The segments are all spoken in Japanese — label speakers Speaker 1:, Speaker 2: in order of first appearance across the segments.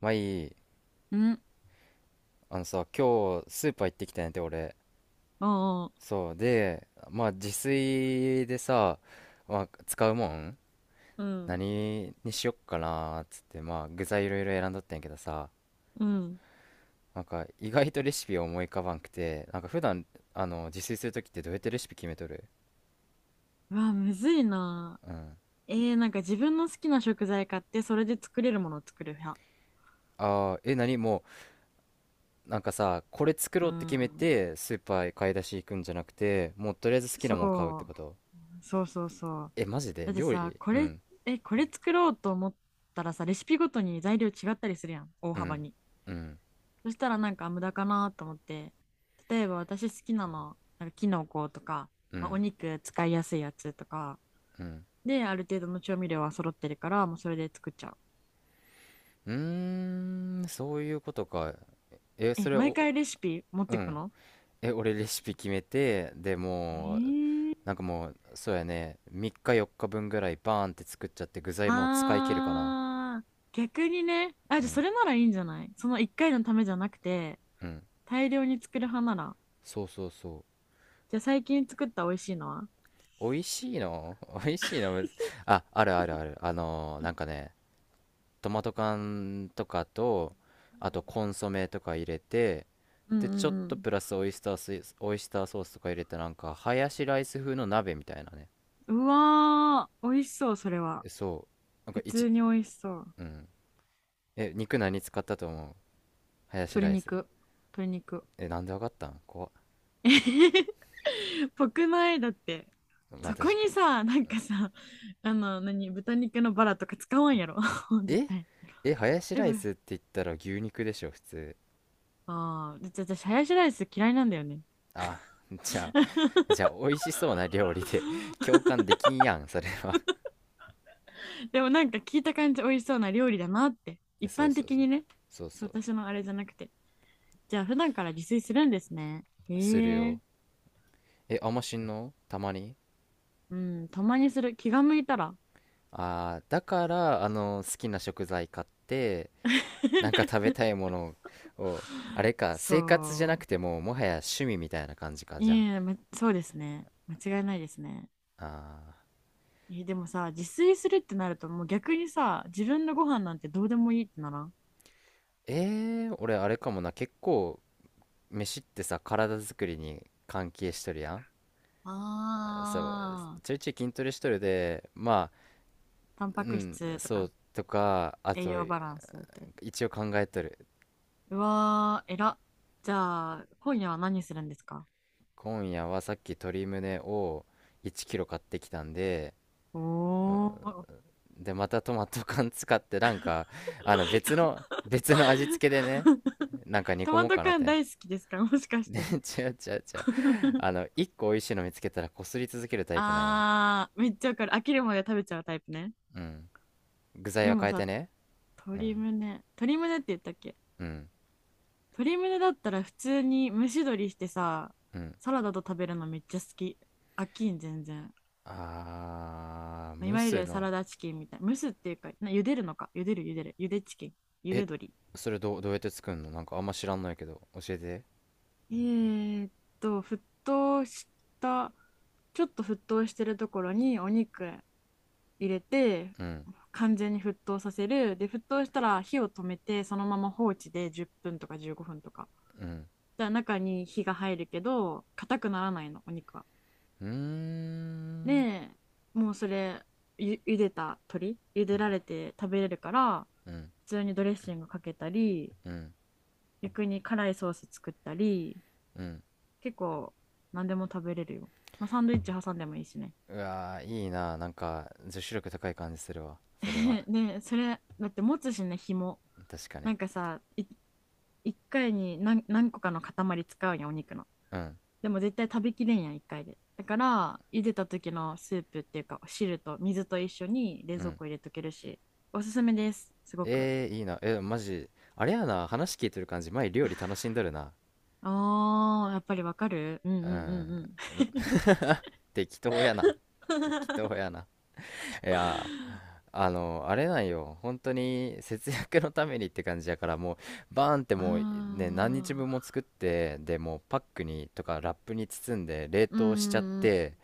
Speaker 1: まあいい。
Speaker 2: ん。
Speaker 1: あのさ、今日スーパー行ってきたんやて、俺。
Speaker 2: おう。
Speaker 1: そう。で、まあ自炊でさ、まあ使うもん
Speaker 2: うん。
Speaker 1: 何にしよっかなーっつって、まあ具材いろいろ選んどったんやけどさ、
Speaker 2: うん。
Speaker 1: なんか意外とレシピ思い浮かばんくて、なんか普段、自炊するときってどうやってレシピ決めとる？
Speaker 2: うわ、むずいな。
Speaker 1: うん。
Speaker 2: なんか自分の好きな食材買って、それで作れるものを作る派。
Speaker 1: ああ、え、何もう、なんかさ、これ作
Speaker 2: う
Speaker 1: ろうって決め
Speaker 2: ん。
Speaker 1: て、スーパーへ買い出し行くんじゃなくて、もうとりあえず好きなもん買うって
Speaker 2: そ
Speaker 1: こと？
Speaker 2: う。そうそうそう。
Speaker 1: え、マジで
Speaker 2: だって
Speaker 1: 料
Speaker 2: さ、
Speaker 1: 理？うん、
Speaker 2: これ作ろうと思ったらさ、レシピごとに材料違ったりするやん、大
Speaker 1: う
Speaker 2: 幅
Speaker 1: ん、
Speaker 2: に。
Speaker 1: うん、
Speaker 2: そしたらなんか無駄かなと思って、例えば私好きなの、なんかキノコとか、
Speaker 1: う
Speaker 2: まあ、お
Speaker 1: ん、
Speaker 2: 肉使いやすいやつとか、
Speaker 1: うん。
Speaker 2: で、ある程度の調味料は揃ってるから、もうそれで作っちゃう。
Speaker 1: うーん、そういうことか。え、そ
Speaker 2: え、
Speaker 1: れ
Speaker 2: 毎
Speaker 1: お、
Speaker 2: 回レシピ持っ
Speaker 1: う
Speaker 2: てく
Speaker 1: ん。
Speaker 2: の？
Speaker 1: え、俺レシピ決めて、で
Speaker 2: え
Speaker 1: もう、
Speaker 2: ー、
Speaker 1: なんかもう、そうやね、3日4日分ぐらいバーンって作っちゃって具材もう使い切るかな。
Speaker 2: あー、逆にね、あ、
Speaker 1: う
Speaker 2: じゃあそ
Speaker 1: ん、
Speaker 2: れならいいんじゃない？その一回のためじゃなくて、
Speaker 1: うん。
Speaker 2: 大量に作る派なら。
Speaker 1: そうそうそ
Speaker 2: じゃあ最近作った美味しいのは？
Speaker 1: う。美味しいの 美味しいのむず。あ、あるあるある。なんかね、トマト缶とかと、あとコンソメとか入れて、
Speaker 2: うん、
Speaker 1: で、ちょっ
Speaker 2: う
Speaker 1: と
Speaker 2: ん、
Speaker 1: プラスオイスターソースとか入れて、なんか、ハヤシライス風の鍋みたいなね。
Speaker 2: うん。うわー、美味しそう、それは。
Speaker 1: えそう。なんか
Speaker 2: 普
Speaker 1: 一、
Speaker 2: 通に美味しそう。
Speaker 1: うん。え、肉何使ったと思う？ハヤシ
Speaker 2: 鶏
Speaker 1: ライス。
Speaker 2: 肉、鶏肉。
Speaker 1: えなんでわかったん、怖っ。
Speaker 2: えへへ、ぽくないだって。
Speaker 1: まあ
Speaker 2: そこ
Speaker 1: 確か
Speaker 2: にさ、なんかさ、何、豚肉のバラとか使わんやろ。
Speaker 1: に。
Speaker 2: 絶
Speaker 1: え
Speaker 2: 対。
Speaker 1: え、ハヤシ
Speaker 2: え、
Speaker 1: ライ
Speaker 2: ぶ
Speaker 1: スって言ったら牛肉でしょ、普通。
Speaker 2: ああ、で私、ハヤシライス嫌いなんだよね。
Speaker 1: あ じゃじゃあ美味しそうな料理で 共 感できんやんそれは。
Speaker 2: でもなんか聞いた感じ美味しそうな料理だなって。
Speaker 1: え
Speaker 2: 一
Speaker 1: そう
Speaker 2: 般
Speaker 1: そう
Speaker 2: 的
Speaker 1: そう。
Speaker 2: にね。
Speaker 1: そうそ
Speaker 2: そう、
Speaker 1: う。
Speaker 2: 私のあれじゃなくて。じゃあ普段から自炊するんですね。
Speaker 1: する
Speaker 2: へえ。
Speaker 1: よ。え、あんましんの、たまに。
Speaker 2: うん、たまにする。気が向いたら。
Speaker 1: ああ、だから、あの好きな食材買ってなんか食べ たいものを、あれか、生活じゃな
Speaker 2: そ
Speaker 1: く
Speaker 2: う。
Speaker 1: てもうもはや趣味みたいな感じか、
Speaker 2: い
Speaker 1: じゃあ
Speaker 2: え、ま、そうですね。間違いないですね。
Speaker 1: あ
Speaker 2: え、でもさ、自炊するってなると、もう逆にさ、自分のご飯なんてどうでもいいってならん？
Speaker 1: ー、俺あれかもな、結構飯ってさ体作りに関係しとるやん。そう、
Speaker 2: ああ
Speaker 1: ちょい
Speaker 2: ー、
Speaker 1: ちょい筋トレしとるでま
Speaker 2: タン
Speaker 1: あ。う
Speaker 2: パク
Speaker 1: ん、
Speaker 2: 質と
Speaker 1: そ
Speaker 2: か、
Speaker 1: うとかあ
Speaker 2: 栄
Speaker 1: と
Speaker 2: 養バランスって。
Speaker 1: 一応考えとる。
Speaker 2: うわー、えら。じゃあ、今夜は何するんですか？
Speaker 1: 今夜はさっき鶏胸を1キロ買ってきたんで、
Speaker 2: お
Speaker 1: うん、
Speaker 2: ー。
Speaker 1: でまたトマト缶使ってなんか別の味付けでね、 なんか煮
Speaker 2: ト
Speaker 1: 込
Speaker 2: マ
Speaker 1: もう
Speaker 2: ト
Speaker 1: かなっ
Speaker 2: 缶
Speaker 1: て。
Speaker 2: 大好きですか、もしかし
Speaker 1: で
Speaker 2: て？
Speaker 1: 違う違う違う。 あの、1個美味しいの見つけたらこすり続けるタイプなんよ。
Speaker 2: あー、めっちゃわかる。飽きるまで食べちゃうタイプね。
Speaker 1: うん、具材
Speaker 2: で
Speaker 1: は
Speaker 2: も
Speaker 1: 変え
Speaker 2: さ、
Speaker 1: てね。う
Speaker 2: 鶏
Speaker 1: ん、
Speaker 2: 胸。鶏胸って言ったっけ？
Speaker 1: うん、
Speaker 2: 鶏胸だったら普通に蒸し鶏してさ、
Speaker 1: うん。
Speaker 2: サラダと食べるのめっちゃ好き。飽きん、全然。
Speaker 1: あ
Speaker 2: いわゆ
Speaker 1: ー、蒸
Speaker 2: るサ
Speaker 1: の、
Speaker 2: ラダチキンみたいな。蒸すっていうか、茹でるのか。茹でる、茹でる。茹でチキン。茹で
Speaker 1: え、
Speaker 2: 鶏。
Speaker 1: それどうやって作るの、なんかあんま知らんのやけど教えて。
Speaker 2: えーっ沸騰した、ちょっと沸騰してるところにお肉入れて、
Speaker 1: うん、
Speaker 2: 完全に沸騰させる。で、沸騰したら火を止めて、そのまま放置で10分とか15分とか。
Speaker 1: うん、
Speaker 2: じゃ中に火が入るけど、硬くならないの、お肉は。
Speaker 1: うーん、
Speaker 2: で、もうそれ、茹でた鶏、茹でられて食べれるから、
Speaker 1: うん、
Speaker 2: 普通にドレッシングかけたり、
Speaker 1: うん、
Speaker 2: 逆に辛いソース作ったり、
Speaker 1: うん。
Speaker 2: 結構何でも食べれるよ。まあ、サンドイッチ挟んでもいいしね。
Speaker 1: うわー、いいな、なんか女子力高い感じするわ、それは。
Speaker 2: ね、それだって持つしね、紐。
Speaker 1: 確かに。
Speaker 2: なんかさい、1回に何、何個かの塊使うやん、お肉の。
Speaker 1: うん、
Speaker 2: でも絶対食べきれんやん、1回で。だから茹でた時のスープっていうか汁と、水と一緒に冷
Speaker 1: う
Speaker 2: 蔵
Speaker 1: ん。
Speaker 2: 庫入れとけるし。おすすめです、すごく。
Speaker 1: いいな、えマジ。あれやな、話聞いてる感じ、前料理楽しんどるな。
Speaker 2: あー、やっぱりわかる。うん、う
Speaker 1: う
Speaker 2: ん、うん、
Speaker 1: ん。
Speaker 2: うん。
Speaker 1: 適当やな。適 当やな。いやー、あれなんよ。本当に節約のためにって感じやから、もう、バーンってもうね、
Speaker 2: あ
Speaker 1: 何日分も作って、で、もうパックにとかラップに包んで冷
Speaker 2: ー、うー
Speaker 1: 凍しちゃっ
Speaker 2: ん、
Speaker 1: て、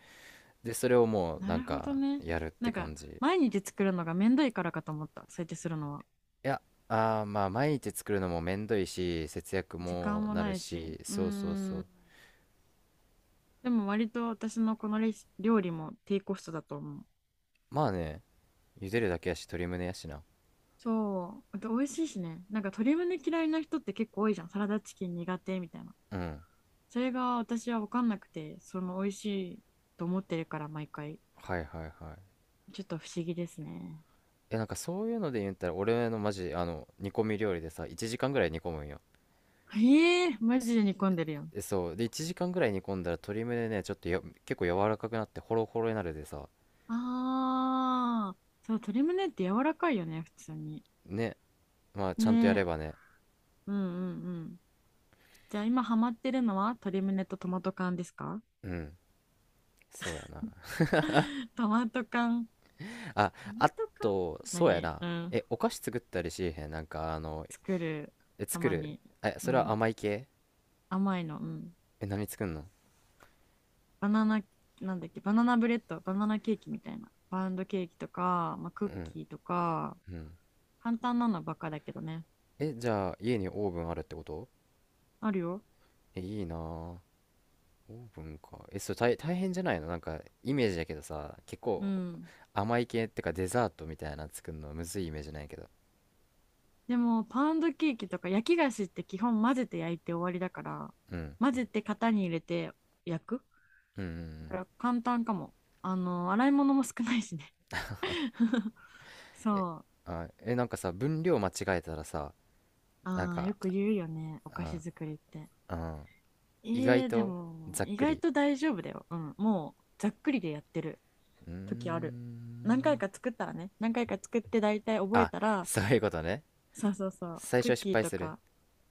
Speaker 1: で、それをもう
Speaker 2: な
Speaker 1: なん
Speaker 2: るほど
Speaker 1: か
Speaker 2: ね。
Speaker 1: やるっ
Speaker 2: な
Speaker 1: て
Speaker 2: んか、
Speaker 1: 感じ。
Speaker 2: 毎日作るのがめんどいからかと思った。そうやってするのは。
Speaker 1: いや、あー、まあ、毎日作るのもめんどいし、節約
Speaker 2: 時
Speaker 1: も
Speaker 2: 間も
Speaker 1: な
Speaker 2: な
Speaker 1: る
Speaker 2: いし。
Speaker 1: し、
Speaker 2: うー
Speaker 1: そうそうそ
Speaker 2: ん。
Speaker 1: う。
Speaker 2: でも割と私のこの料理も低コストだと思う。
Speaker 1: まあね、茹でるだけやし、鶏胸やしな。
Speaker 2: そう。あと美味しいしね。なんか鶏胸嫌いな人って結構多いじゃん。サラダチキン苦手みたいな。
Speaker 1: うん。
Speaker 2: それが私は分かんなくて、その美味しいと思ってるから毎回。
Speaker 1: はいはいはい。
Speaker 2: ちょっと不思議ですね。
Speaker 1: え、なんかそういうので言ったら、俺のマジ、煮込み料理でさ、1時間ぐらい煮込むんよ。
Speaker 2: ええー、マジで煮込んでるやん。
Speaker 1: え、そうで1時間ぐらい煮込んだら鶏むねね、ちょっとよ、結構柔らかくなってホロホロになるでさ。
Speaker 2: ああ、そう、鶏胸って柔らかいよね、普通に。
Speaker 1: ね、まあちゃんとや
Speaker 2: ね
Speaker 1: れ
Speaker 2: え、
Speaker 1: ばね。
Speaker 2: うん、うん、うん。じゃあ今ハマってるのは鶏胸とトマト缶ですか？
Speaker 1: うん、そうやな
Speaker 2: トマト缶。
Speaker 1: あ
Speaker 2: ト
Speaker 1: あ、
Speaker 2: マト缶、
Speaker 1: と、そうや
Speaker 2: 何？
Speaker 1: な。
Speaker 2: うん。
Speaker 1: え、お菓子作ったりしへん？なんか
Speaker 2: 作る。
Speaker 1: え、
Speaker 2: た
Speaker 1: 作
Speaker 2: ま
Speaker 1: る？
Speaker 2: に。
Speaker 1: え、
Speaker 2: う
Speaker 1: それは
Speaker 2: ん。
Speaker 1: 甘い系？
Speaker 2: 甘いの。うん。
Speaker 1: え、何作んの？
Speaker 2: バナナ、なんだっけ、バナナブレッド、バナナケーキみたいな。パウンドケーキとか、まあ、ク
Speaker 1: う
Speaker 2: ッ
Speaker 1: ん、
Speaker 2: キーとか、
Speaker 1: うん。
Speaker 2: 簡単なのばっかだけどね。
Speaker 1: え、じゃあ家にオーブンあるってこと？
Speaker 2: あるよ。
Speaker 1: え、いいなあ、オーブンか。え、そう大変じゃないの、なんかイメージだけどさ、結
Speaker 2: う
Speaker 1: 構
Speaker 2: ん。
Speaker 1: 甘い系ってかデザートみたいな作るのむずいイメージないけど。
Speaker 2: でも、パウンドケーキとか焼き菓子って基本混ぜて焼いて終わりだから、
Speaker 1: うん、
Speaker 2: 混ぜて型に入れて焼く
Speaker 1: うん、うん、うん。
Speaker 2: から簡単かも。洗い物も少ないしね
Speaker 1: え、
Speaker 2: そう。
Speaker 1: あ、え、なんかさ、分量間違えたらさ、なん
Speaker 2: ああ、
Speaker 1: か、
Speaker 2: よく言うよね。お
Speaker 1: う
Speaker 2: 菓子
Speaker 1: ん、
Speaker 2: 作りって。
Speaker 1: うん、意外
Speaker 2: で
Speaker 1: と
Speaker 2: も、
Speaker 1: ざっ
Speaker 2: 意
Speaker 1: く
Speaker 2: 外
Speaker 1: り。
Speaker 2: と大丈夫だよ。うん。もう、ざっくりでやってる
Speaker 1: うー
Speaker 2: 時ある。何回
Speaker 1: ん。
Speaker 2: か作ったらね、何回か作って大体覚え
Speaker 1: あ、
Speaker 2: たら、
Speaker 1: そういうことね。
Speaker 2: そうそうそう、
Speaker 1: 最初
Speaker 2: クッ
Speaker 1: は失
Speaker 2: キー
Speaker 1: 敗
Speaker 2: と
Speaker 1: する。
Speaker 2: か、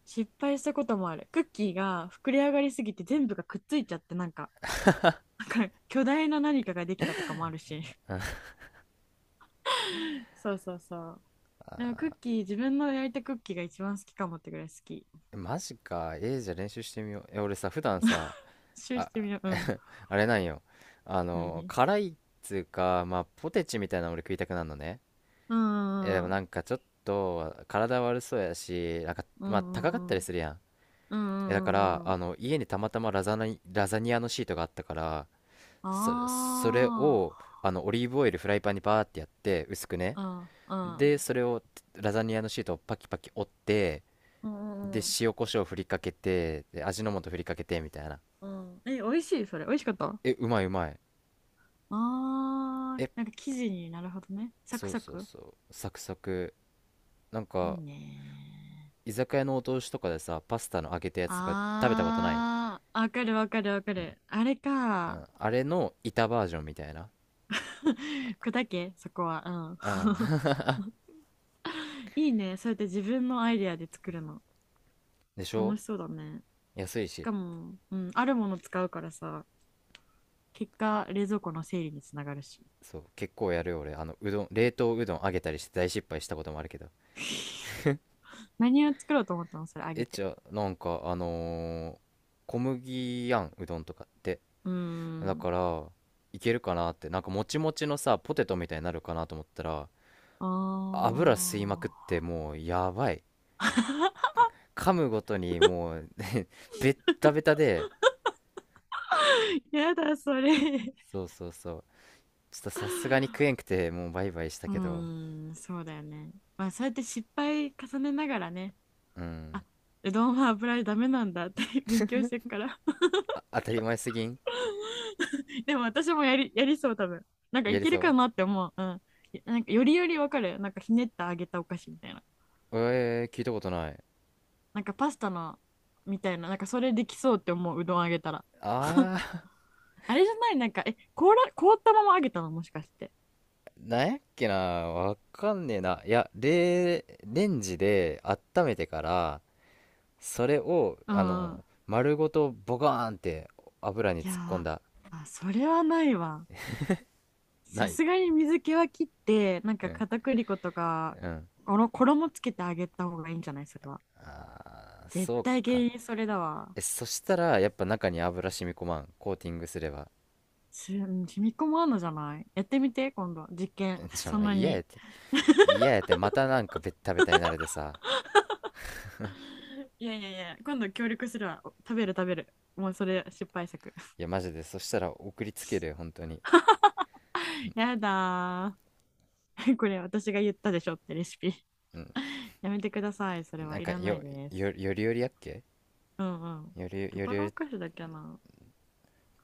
Speaker 2: 失敗したこともある。クッキーが膨れ上がりすぎて全部がくっついちゃって、なんか、巨大な何かができたとかもあるし。そうそうそう。でもクッキー、自分の焼いたクッキーが一番好きかもってぐらい好き。
Speaker 1: えマジか。じゃあ練習してみよう。え、俺さ、普段さ、
Speaker 2: 一周し
Speaker 1: あ、
Speaker 2: てみよう。うん。
Speaker 1: あれなんよ。
Speaker 2: 何、
Speaker 1: 辛いっつうか、まあ、ポテチみたいなの俺食いたくなるのね。
Speaker 2: う
Speaker 1: え、でも
Speaker 2: ん、う
Speaker 1: な
Speaker 2: ん、
Speaker 1: んかちょっと、体悪そうやし、なんか、
Speaker 2: う
Speaker 1: まあ、高かっ
Speaker 2: ん、
Speaker 1: た
Speaker 2: う
Speaker 1: り
Speaker 2: ん、
Speaker 1: するやん。
Speaker 2: うん、う
Speaker 1: え、
Speaker 2: ん、う
Speaker 1: だか
Speaker 2: ん、うん、う
Speaker 1: ら、
Speaker 2: ん、うん。
Speaker 1: 家にたまたまラザニアのシートがあったから、それ、それ
Speaker 2: あ
Speaker 1: を
Speaker 2: あ。
Speaker 1: オリーブオイルフライパンにバーってやって薄くね、
Speaker 2: うん、う
Speaker 1: で
Speaker 2: ん、
Speaker 1: それをラザニアのシートをパキパキ折って、
Speaker 2: う
Speaker 1: で
Speaker 2: ん、うん、
Speaker 1: 塩コショウ振りかけて、で味の素振りかけてみたいな。
Speaker 2: うん。え、美味しいそれ。美味しかった？あ
Speaker 1: え、うまいうまい。
Speaker 2: あー、
Speaker 1: え、
Speaker 2: なんか生地になるほどね。サク
Speaker 1: そう
Speaker 2: サ
Speaker 1: そう
Speaker 2: ク。
Speaker 1: そう、サクサク、なん
Speaker 2: いい
Speaker 1: か
Speaker 2: ね。
Speaker 1: 居酒屋のお通しとかでさパスタの揚げたやつとか食べたことない？
Speaker 2: ああ、わかる、わかる、わかる。あれ
Speaker 1: う
Speaker 2: か。
Speaker 1: ん、あれの板バージョンみたいな。
Speaker 2: 砕け、そこは。
Speaker 1: うん
Speaker 2: うん。いいね。そうやって自分のアイデアで作るの。
Speaker 1: でしょ。
Speaker 2: 楽しそうだね。
Speaker 1: 安い
Speaker 2: し
Speaker 1: し。
Speaker 2: かも、うん、あるもの使うからさ、結果、冷蔵庫の整理につながるし。
Speaker 1: そう、結構やるよ俺、あのうどん冷凍うどん揚げたりして大失敗したこともあるけど。
Speaker 2: 何を作ろうと思ったの、それあ
Speaker 1: え、
Speaker 2: げて？
Speaker 1: じゃあ、なんか小麦やん、うどんとかって。
Speaker 2: うー
Speaker 1: だか
Speaker 2: ん。
Speaker 1: ら、いけるかなって、なんかもちもちのさポテトみたいになるかなと思ったら油吸いま
Speaker 2: あ
Speaker 1: くってもうやばい。
Speaker 2: ー。
Speaker 1: 噛むごとにもうベッタベタで。
Speaker 2: やだ、それ。
Speaker 1: そうそうそう、ちょっとさすがに食えんくてもうバイバイした
Speaker 2: う
Speaker 1: けど。
Speaker 2: ーん、そうだよね。まあ、そうやって失敗重ねながらね、
Speaker 1: うん。
Speaker 2: あ、うどんは油でダメなんだって 勉強してるから。
Speaker 1: あ、当たり前すぎん？
Speaker 2: でも私もやりそう、多分。なんか
Speaker 1: や
Speaker 2: い
Speaker 1: り
Speaker 2: けるか
Speaker 1: そ
Speaker 2: なって思う。うん。なんかよりよりわかる。なんかひねってあげたお菓子みたいな。
Speaker 1: う。聞いたことない。
Speaker 2: なんかパスタのみたいな、なんかそれできそうって思う、うどんあげたら。
Speaker 1: ああ、
Speaker 2: あれじゃないなんか、え、凍ら、凍ったままあげたの、もしかして？
Speaker 1: なんやっけな、わかんねえな。いや、レンジで温めてから、それを、
Speaker 2: うん、うん。
Speaker 1: 丸ごとボカーンって油に
Speaker 2: い
Speaker 1: 突っ込ん
Speaker 2: や
Speaker 1: だ。
Speaker 2: ー、あ、それはないわ。
Speaker 1: な
Speaker 2: さ
Speaker 1: い。
Speaker 2: すがに水気は切って、なん
Speaker 1: う
Speaker 2: か
Speaker 1: ん。
Speaker 2: 片栗粉とか、
Speaker 1: うん。
Speaker 2: この衣つけてあげた方がいいんじゃない、それは？
Speaker 1: あー、
Speaker 2: 絶
Speaker 1: そう
Speaker 2: 対原
Speaker 1: か。
Speaker 2: 因それだわ。
Speaker 1: え、そしたら、やっぱ中に油染み込まん、コーティングすれば。
Speaker 2: うん、染み込まんのじゃない？やってみて、今度。実験。
Speaker 1: えちょ、
Speaker 2: そ
Speaker 1: ま
Speaker 2: ん
Speaker 1: あ、
Speaker 2: な
Speaker 1: 嫌やっ
Speaker 2: に。
Speaker 1: て。嫌やって、またなんかベッタベタになるでさ。
Speaker 2: いやいやいや、今度協力するわ。食べる、食べる。もうそれ失敗作。
Speaker 1: いや、マジで、そしたら送りつけるよ、本当に。
Speaker 2: やだー。これ私が言ったでしょってレシピ
Speaker 1: うん。
Speaker 2: やめてください。それ
Speaker 1: な
Speaker 2: は
Speaker 1: ん
Speaker 2: い
Speaker 1: か、
Speaker 2: らないです。
Speaker 1: よりよりやっけ。
Speaker 2: うん、うん。
Speaker 1: より
Speaker 2: ど
Speaker 1: よ
Speaker 2: こ
Speaker 1: りよ
Speaker 2: のお
Speaker 1: り
Speaker 2: 菓子だっけな。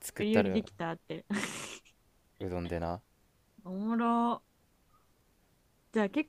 Speaker 1: 作
Speaker 2: 売
Speaker 1: っ
Speaker 2: り
Speaker 1: た
Speaker 2: 売り
Speaker 1: ら、
Speaker 2: できたって
Speaker 1: うどんでな
Speaker 2: おもろ。じゃあ結